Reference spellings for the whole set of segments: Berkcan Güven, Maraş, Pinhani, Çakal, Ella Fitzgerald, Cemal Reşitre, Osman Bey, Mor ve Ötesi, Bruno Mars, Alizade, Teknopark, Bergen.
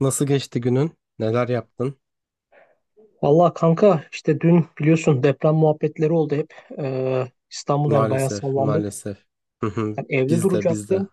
Nasıl geçti günün? Neler yaptın? Valla kanka işte dün biliyorsun deprem muhabbetleri oldu hep. İstanbul'da yani bayağı Maalesef, sallandık. maalesef. Hı hı. Yani evde Biz de, biz de. duracaktım.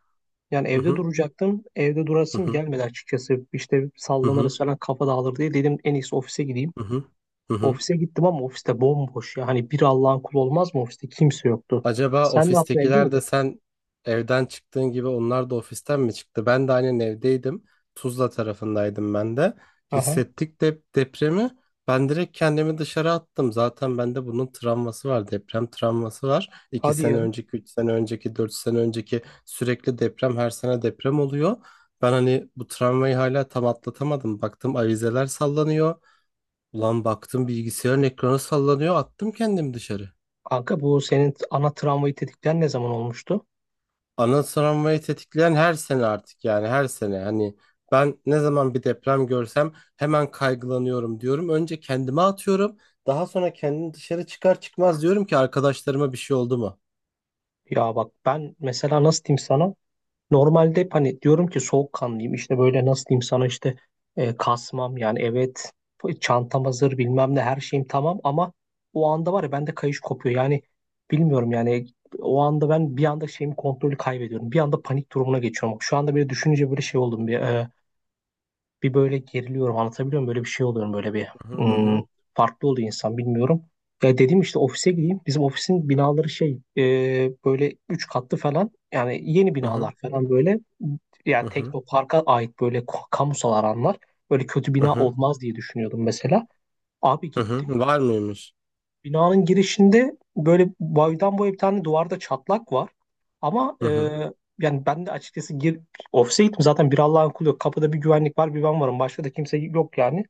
Yani Hı evde hı, duracaktım. Evde hı durasım hı, gelmedi açıkçası. İşte hı hı, sallanırız falan kafa dağılır diye dedim en iyisi ofise gideyim. hı hı, hı hı. Ofise gittim ama ofiste bomboş ya. Hani bir Allah'ın kulu olmaz mı ofiste? Kimse yoktu. Acaba Sen ne yaptın, evde ofistekiler de miydin? sen evden çıktığın gibi onlar da ofisten mi çıktı? Ben de aynen evdeydim. Tuzla tarafındaydım ben de. Aha. Hissettik de depremi. Ben direkt kendimi dışarı attım. Zaten bende bunun travması var. Deprem travması var. 2 Hadi ya. sene önceki, 3 sene önceki, 4 sene önceki, sürekli deprem, her sene deprem oluyor. Ben hani bu travmayı hala tam atlatamadım. Baktım avizeler sallanıyor. Ulan baktım bilgisayarın ekranı sallanıyor. Attım kendimi dışarı. Kanka bu senin ana travmayı tetikleyen ne zaman olmuştu? Ana travmayı tetikleyen her sene artık yani, her sene hani ben ne zaman bir deprem görsem hemen kaygılanıyorum diyorum. Önce kendime atıyorum. Daha sonra kendim dışarı çıkar çıkmaz diyorum ki arkadaşlarıma bir şey oldu mu? Ya bak ben mesela nasıl diyeyim sana? Normalde hep hani diyorum ki soğukkanlıyım işte, böyle nasıl diyeyim sana, işte kasmam yani, evet çantam hazır bilmem ne her şeyim tamam, ama o anda var ya bende kayış kopuyor yani, bilmiyorum yani, o anda ben bir anda şeyimi kontrolü kaybediyorum, bir anda panik durumuna geçiyorum, şu anda böyle düşününce böyle şey oldum, bir böyle geriliyorum, anlatabiliyor muyum? Böyle bir şey oluyorum, böyle bir Hı hı hmm, hı farklı oluyor insan, bilmiyorum. Ya dedim işte ofise gideyim. Bizim ofisin binaları böyle 3 katlı falan, yani yeni hı hı binalar falan, böyle yani hı Teknopark'a ait böyle kamusal alanlar, böyle kötü hı bina hı olmaz diye düşünüyordum mesela. Abi hı gittim. hı. Var mıymış? Binanın girişinde böyle boydan boya bir tane duvarda çatlak var. Ama Hı hı yani ben de açıkçası ofise gittim, zaten bir Allah'ın kulu yok. Kapıda bir güvenlik var, bir ben varım. Başka da kimse yok yani.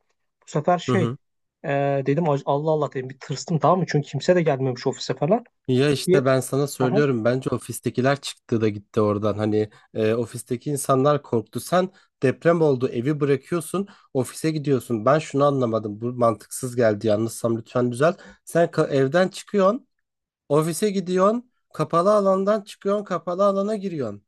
Bu sefer hı hı. e, dedim "Ay, Allah Allah," dedim, bir tırstım, tamam mı? Çünkü kimse de gelmemiş ofise falan. Ya Bir, işte ben sana aha. söylüyorum, bence ofistekiler çıktı da gitti oradan. Hani ofisteki insanlar korktu. Sen, deprem oldu, evi bırakıyorsun, ofise gidiyorsun. Ben şunu anlamadım, bu mantıksız geldi, yanlışsam lütfen düzelt. Sen evden çıkıyorsun, ofise gidiyorsun, kapalı alandan çıkıyorsun, kapalı alana giriyorsun.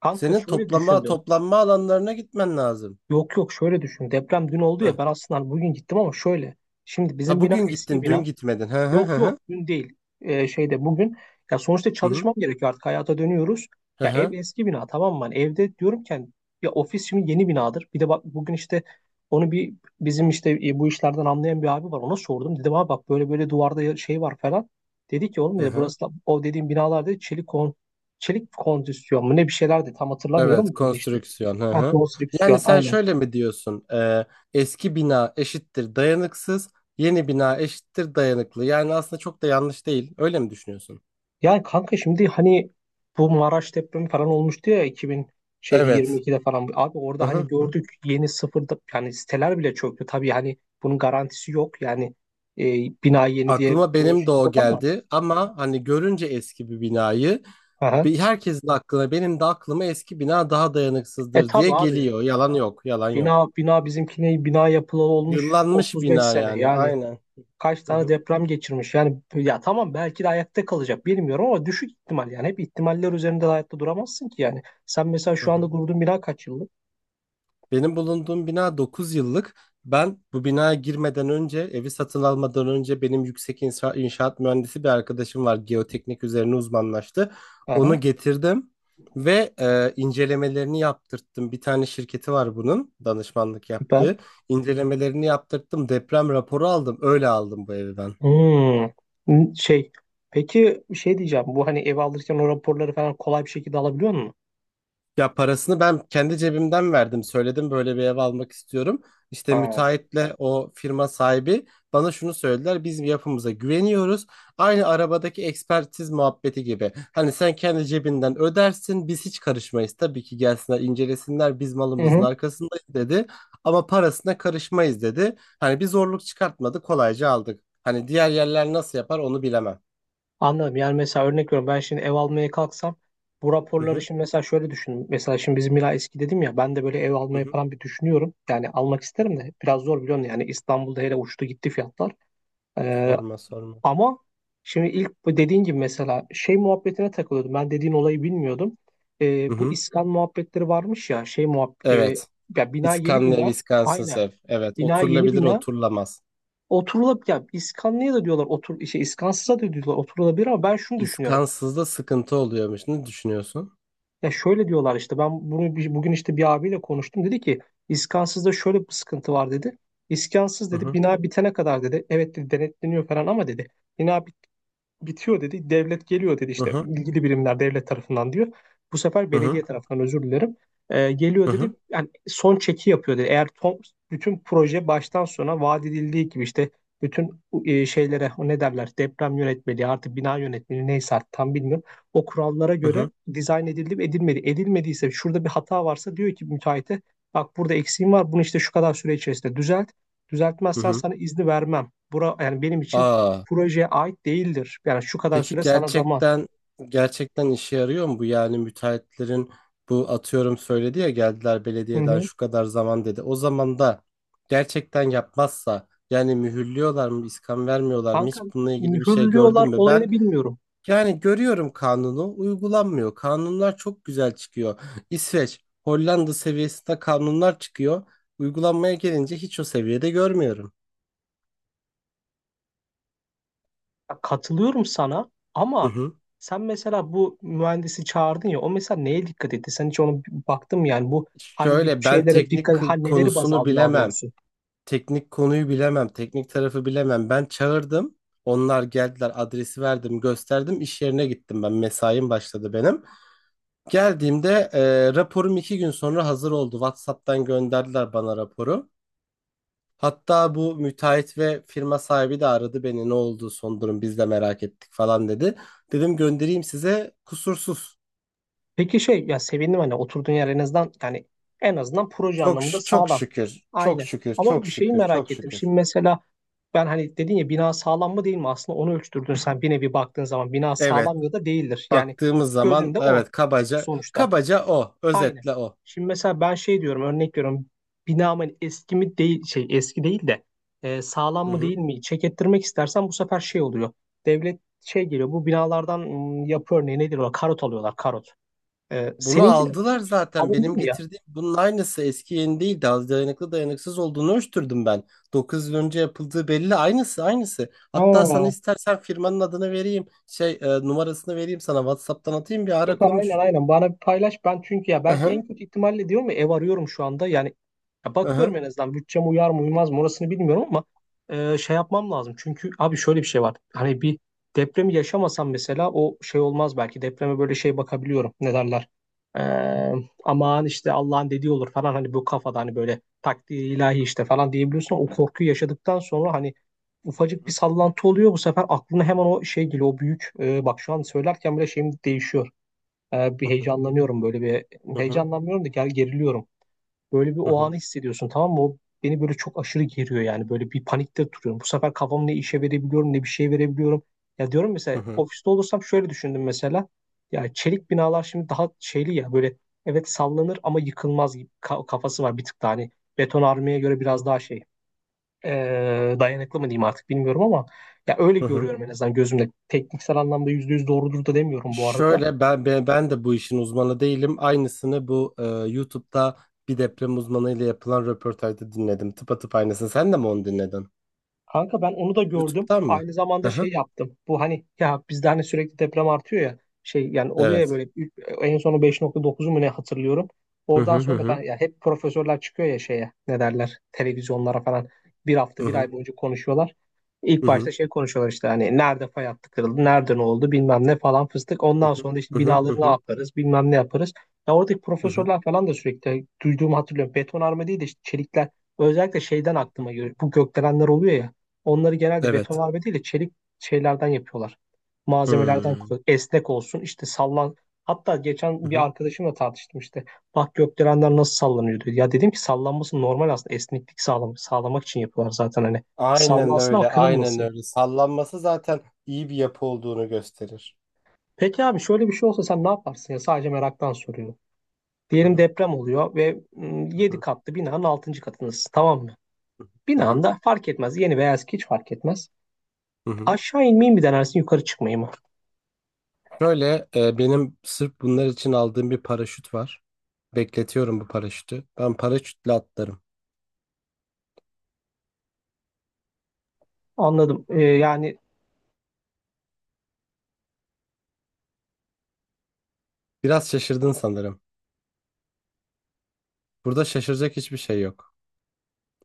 Kanka Senin şöyle toplama düşündüm. toplanma alanlarına gitmen lazım. Yok yok, şöyle düşün. Deprem dün oldu ya, Hı. ben aslında hani bugün gittim ama şöyle. Şimdi Ha, bizim bina bugün eski gittin, dün bina. gitmedin. Hı hı hı Yok yok, hı dün değil. Şeyde, bugün. Ya sonuçta hı hı çalışmam gerekiyor, artık hayata dönüyoruz. hı Ya ev hı. eski bina, tamam mı? Hani evde diyorumken, ya ofis şimdi yeni binadır. Bir de bak bugün işte onu bir, bizim işte bu işlerden anlayan bir abi var, ona sordum. Dedim abi bak böyle böyle duvarda şey var falan. Dedi ki oğlum, Hı dedi hı. burası o dediğim binalarda çelik kondisyon mu ne, bir şeylerdi, tam Evet, hatırlamıyorum da öyle işte. konstrüksiyon. Hı Ha, hı. Yani konstrüksiyon, sen aynen. şöyle mi diyorsun? Eski bina eşittir dayanıksız, yeni bina eşittir dayanıklı. Yani aslında çok da yanlış değil. Öyle mi düşünüyorsun? Yani kanka şimdi hani bu Maraş depremi falan olmuştu ya, 2000 şeyde Evet. 22'de falan. Abi Hı orada hani hı. gördük, yeni sıfırda yani siteler bile çöktü. Tabii hani bunun garantisi yok. Yani e, bina yeni diye Aklıma bunun benim de şey o yok ama. geldi ama hani görünce eski bir binayı, Aha. bir herkesin aklına, benim de aklıma eski bina daha E dayanıksızdır diye tabii abi, geliyor. Yalan yok, yalan yok. bina bina bizimkine bina yapılalı olmuş Yıllanmış 35 bina sene. yani. Yani Aynen. kaç Hı tane hı. deprem geçirmiş. Yani ya tamam, belki de ayakta kalacak bilmiyorum, ama düşük ihtimal, yani hep ihtimaller üzerinde de hayatta duramazsın ki yani. Sen mesela Hı şu anda hı. durduğun bina kaç yıllık? Benim bulunduğum bina 9 yıllık. Ben bu binaya girmeden önce, evi satın almadan önce, benim yüksek inşaat mühendisi bir arkadaşım var. Geoteknik üzerine uzmanlaştı. Aha, Onu getirdim ve incelemelerini yaptırttım. Bir tane şirketi var bunun danışmanlık süper. yaptığı. İncelemelerini yaptırttım. Deprem raporu aldım. Öyle aldım bu evi ben. Hmm. N- Şey, peki bir şey diyeceğim. Bu hani ev alırken o raporları falan kolay bir şekilde alabiliyor musun? Ya parasını ben kendi cebimden verdim. Söyledim böyle bir ev almak istiyorum. İşte Ha. müteahhitle o firma sahibi bana şunu söylediler: biz yapımıza güveniyoruz. Aynı arabadaki ekspertiz muhabbeti gibi. Hani sen kendi cebinden ödersin. Biz hiç karışmayız. Tabii ki gelsinler, incelesinler. Biz Hı malımızın hı. arkasındayız dedi. Ama parasına karışmayız dedi. Hani bir zorluk çıkartmadı. Kolayca aldık. Hani diğer yerler nasıl yapar onu bilemem. Anladım. Yani mesela örnek veriyorum, ben şimdi ev almaya kalksam bu Hı raporları, hı, şimdi mesela şöyle düşünün. Mesela şimdi bizim Mila eski dedim ya, ben de böyle ev hı almayı hı, falan bir düşünüyorum. Yani almak hı isterim hı. de biraz zor, biliyorsun yani, İstanbul'da hele uçtu gitti fiyatlar. Ee, Sorma sorma. Ama şimdi ilk bu dediğin gibi mesela şey muhabbetine takılıyordum. Ben dediğin olayı bilmiyordum. Hı Bu hı. iskan muhabbetleri varmış ya, Evet. ya bina yeni İskamle, bina, Wisconsin aynen, Sef. Evet, bina yeni oturulabilir, bina oturulamaz. oturulup, ya iskanlıya da diyorlar otur, iskansıza da diyorlar oturulabilir, ama ben şunu düşünüyorum. İskansızda sıkıntı oluyormuş. Ne düşünüyorsun? Ya şöyle diyorlar işte, ben bunu bugün işte bir abiyle konuştum, dedi ki iskansızda şöyle bir sıkıntı var, dedi. İskansız, Hı dedi, hı, bina bitene kadar, dedi, evet, dedi, denetleniyor falan ama, dedi, bina bitiyor, dedi. Devlet geliyor, dedi, hı işte hı, ilgili birimler devlet tarafından, diyor. Bu sefer hı hı, belediye tarafından, özür dilerim. Geliyor, hı dedi. hı, Yani son çeki yapıyor, dedi. Eğer bütün proje baştan sona vaat edildiği gibi işte bütün şeylere, o ne derler, deprem yönetmeliği, artık bina yönetmeliği neyse artık, tam bilmiyorum. O kurallara hı göre hı. dizayn edildi mi edilmedi. Edilmediyse şurada bir hata varsa diyor ki müteahhite, bak burada eksiğim var, bunu işte şu kadar süre içerisinde düzelt. Hı Düzeltmezsen hı. sana izni vermem. Bura yani benim için Aa, projeye ait değildir. Yani şu kadar peki süre sana zaman. gerçekten, gerçekten işe yarıyor mu bu? Yani müteahhitlerin, bu atıyorum söyledi ya, geldiler Hı belediyeden hı. şu kadar zaman dedi. O zaman da gerçekten yapmazsa yani, mühürlüyorlar mı, iskan vermiyorlar mı? Kanka Hiç bununla ilgili bir şey gördün mühürlüyorlar mü? Ben... olayını bilmiyorum. yani görüyorum, kanunu uygulanmıyor. Kanunlar çok güzel çıkıyor. İsveç, Hollanda seviyesinde kanunlar çıkıyor. Uygulanmaya gelince hiç o seviyede görmüyorum. Ya katılıyorum sana Hı ama hı. sen mesela bu mühendisi çağırdın ya, o mesela neye dikkat etti? Sen hiç onu baktın mı? Yani bu hangi Şöyle ben şeylere teknik dikkat, ha, neleri baz konusunu aldı daha bilemem. doğrusu. Teknik konuyu bilemem. Teknik tarafı bilemem. Ben çağırdım. Onlar geldiler, adresi verdim, gösterdim, iş yerine gittim, ben mesaim başladı benim. Geldiğimde raporum 2 gün sonra hazır oldu. WhatsApp'tan gönderdiler bana raporu. Hatta bu müteahhit ve firma sahibi de aradı beni. Ne oldu son durum, biz de merak ettik falan dedi. Dedim göndereyim size, kusursuz. Peki ya, sevindim hani oturduğun yer en azından, yani en azından proje anlamında Çok sağlam. şükür. Çok Aynı. şükür. Ama Çok bir şeyi şükür. merak Çok ettim. Şimdi şükür. mesela ben hani dedin ya, bina sağlam mı değil mi? Aslında onu ölçtürdün sen, bir nevi baktığın zaman bina Evet. sağlam ya da değildir. Yani Baktığımız zaman gözünde o, evet, kabaca sonuçta. kabaca o. Aynı. Özetle o. Şimdi mesela ben şey diyorum, örnek veriyorum, binamın eski mi değil, eski değil de, sağlam Hı mı hı. değil mi çek ettirmek istersen, bu sefer şey oluyor. Devlet şey geliyor bu binalardan, yapı örneği nedir o, karot alıyorlar, karot. Bunu Seninki de aldılar böyle bir şey zaten. alındı Benim mı ya? getirdiğim bunun aynısı, eski yeni değil, daha dayanıklı dayanıksız olduğunu ölçtürdüm ben. 9 yıl önce yapıldığı belli. Aynısı aynısı. Hatta Aa, sana istersen firmanın adını vereyim. Şey numarasını vereyim sana. WhatsApp'tan atayım, bir ara süper, aynen konuş. aynen. Bana bir paylaş. Ben çünkü ya, belki Aha, en kötü ihtimalle diyorum, ya ev arıyorum şu anda. Yani ya aha. bakıyorum, en azından bütçem uyar mı uymaz mı orasını bilmiyorum ama şey yapmam lazım. Çünkü abi şöyle bir şey var. Hani bir depremi yaşamasam mesela, o şey olmaz belki. Depreme böyle şey bakabiliyorum. Ne derler? Ee, aman işte Allah'ın dediği olur falan, hani bu kafada, hani böyle takdir ilahi işte falan diyebiliyorsun, ama o korkuyu yaşadıktan sonra hani ufacık bir Hı sallantı oluyor, bu sefer aklına hemen o şey geliyor, o büyük. Bak şu an söylerken bile şeyim değişiyor. Bir hı, heyecanlanıyorum böyle bir. hı hı, Heyecanlanmıyorum da gel geriliyorum. Böyle bir hı o hı, anı hissediyorsun, tamam mı? O beni böyle çok aşırı geriyor yani. Böyle bir panikte duruyorum. Bu sefer kafamı ne işe verebiliyorum, ne bir şey verebiliyorum. Ya diyorum mesela hı ofiste olursam, şöyle düşündüm mesela. Ya çelik binalar şimdi daha şeyli ya, böyle evet sallanır ama yıkılmaz gibi, kafası var, bir tık daha hani beton armaya göre biraz daha e, dayanıklı mı diyeyim artık, bilmiyorum ama, ya öyle hı, hı. görüyorum en azından gözümde. Tekniksel anlamda %100 doğrudur da demiyorum bu arada. Şöyle ben de bu işin uzmanı değilim. Aynısını bu YouTube'da bir deprem uzmanıyla yapılan röportajda dinledim. Tıpatıp aynısını. Sen de mi onu dinledin? Kanka ben onu da gördüm. YouTube'dan mı? Aynı zamanda şey yaptım. Bu hani ya, bizde hani sürekli deprem artıyor ya. Şey yani oluyor ya Evet. böyle en sonu 5.9'u mu ne hatırlıyorum. Hı Oradan hı hı sonra da hı. Ya hep profesörler çıkıyor ya şeye, ne derler, televizyonlara falan bir hafta Hı bir hı ay boyunca konuşuyorlar. İlk hı başta hı. şey konuşuyorlar, işte hani nerede fay hattı kırıldı, nerede ne oldu bilmem ne falan fıstık. Hı Ondan hı sonra da işte hı hı. Hı binaları ne hı. yaparız bilmem ne yaparız. Ya oradaki Hı hı. profesörler falan da sürekli duyduğumu hatırlıyorum. Betonarme değil de işte çelikler, özellikle şeyden Hı hı. aklıma geliyor. Bu gökdelenler oluyor ya. Onları genelde beton Evet. harbe değil de çelik şeylerden yapıyorlar. Malzemelerden Hı kullan. Esnek olsun işte sallan. Hatta hı geçen bir hı. arkadaşımla tartıştım işte. Bak gökdelenler nasıl sallanıyor, diyor. Ya dedim ki, sallanması normal aslında. Esneklik sağlamak için yapıyorlar zaten hani. Aynen Sallansın ama öyle, aynen kırılmasın. öyle. Sallanması zaten iyi bir yapı olduğunu gösterir. Peki abi şöyle bir şey olsa sen ne yaparsın ya? Sadece meraktan soruyorum. Hı Diyelim hı, deprem oluyor ve hı yedi hı, katlı binanın altıncı katındasın, tamam mı? hı hı, Binanda fark etmez. Yeni veya eski hiç fark etmez. hı hı. Aşağı inmeyi mi denersin, yukarı çıkmayı mı? Şöyle benim sırf bunlar için aldığım bir paraşüt var. Bekletiyorum bu paraşütü. Ben paraşütle atlarım. Anladım. Yani Biraz şaşırdın sanırım. Burada şaşıracak hiçbir şey yok.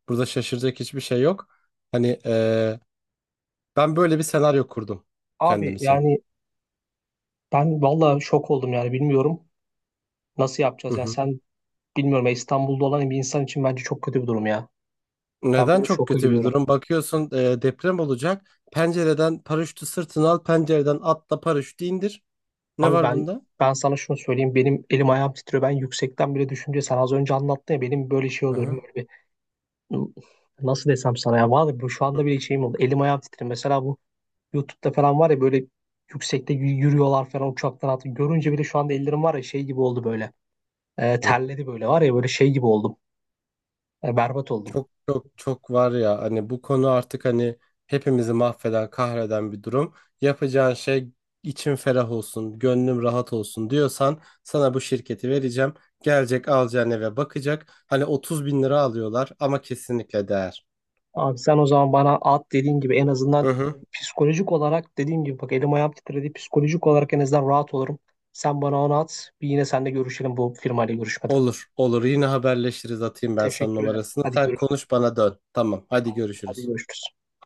Burada şaşıracak hiçbir şey yok. Hani ben böyle bir senaryo kurdum kendim abi için. yani, ben valla şok oldum yani, bilmiyorum nasıl yapacağız. Yani sen, bilmiyorum ya, İstanbul'da olan bir insan için bence çok kötü bir durum ya. Ben Neden böyle çok şoka kötü bir giriyorum. durum? Bakıyorsun deprem olacak. Pencereden paraşütü sırtına al, pencereden atla, paraşütü indir. Ne Abi var ben bunda? ben sana şunu söyleyeyim, benim elim ayağım titriyor. Ben yüksekten bile düşünce, sen az önce anlattın ya, benim böyle şey Aha. oluyorum, böyle bir nasıl desem sana, ya valla bu şu Hı anda bile şeyim oldu. Elim ayağım titriyor. Mesela bu YouTube'da falan var ya, böyle yüksekte yürüyorlar falan, uçaktan atı. Görünce bile şu anda ellerim var ya, şey gibi oldu böyle. Hı. Terledi böyle, var ya, böyle şey gibi oldum. Berbat oldum. Çok çok çok var ya, hani bu konu artık hani hepimizi mahveden, kahreden bir durum. Yapacağın şey, içim ferah olsun, gönlüm rahat olsun diyorsan sana bu şirketi vereceğim. Gelecek alacağın eve bakacak. Hani 30 bin lira alıyorlar ama kesinlikle değer. Abi sen o zaman bana at dediğin gibi, en Hı azından hı. psikolojik olarak, dediğim gibi bak elim ayağım titredi. Psikolojik olarak en azından rahat olurum. Sen bana onu at. Bir yine seninle görüşelim bu firmayla görüşmeden. Olur, olur. Yine haberleşiriz. Atayım ben sana Teşekkür ederim. numarasını. Hadi Sen görüşürüz. konuş, bana dön. Tamam. Hadi Hadi görüşürüz. görüşürüz.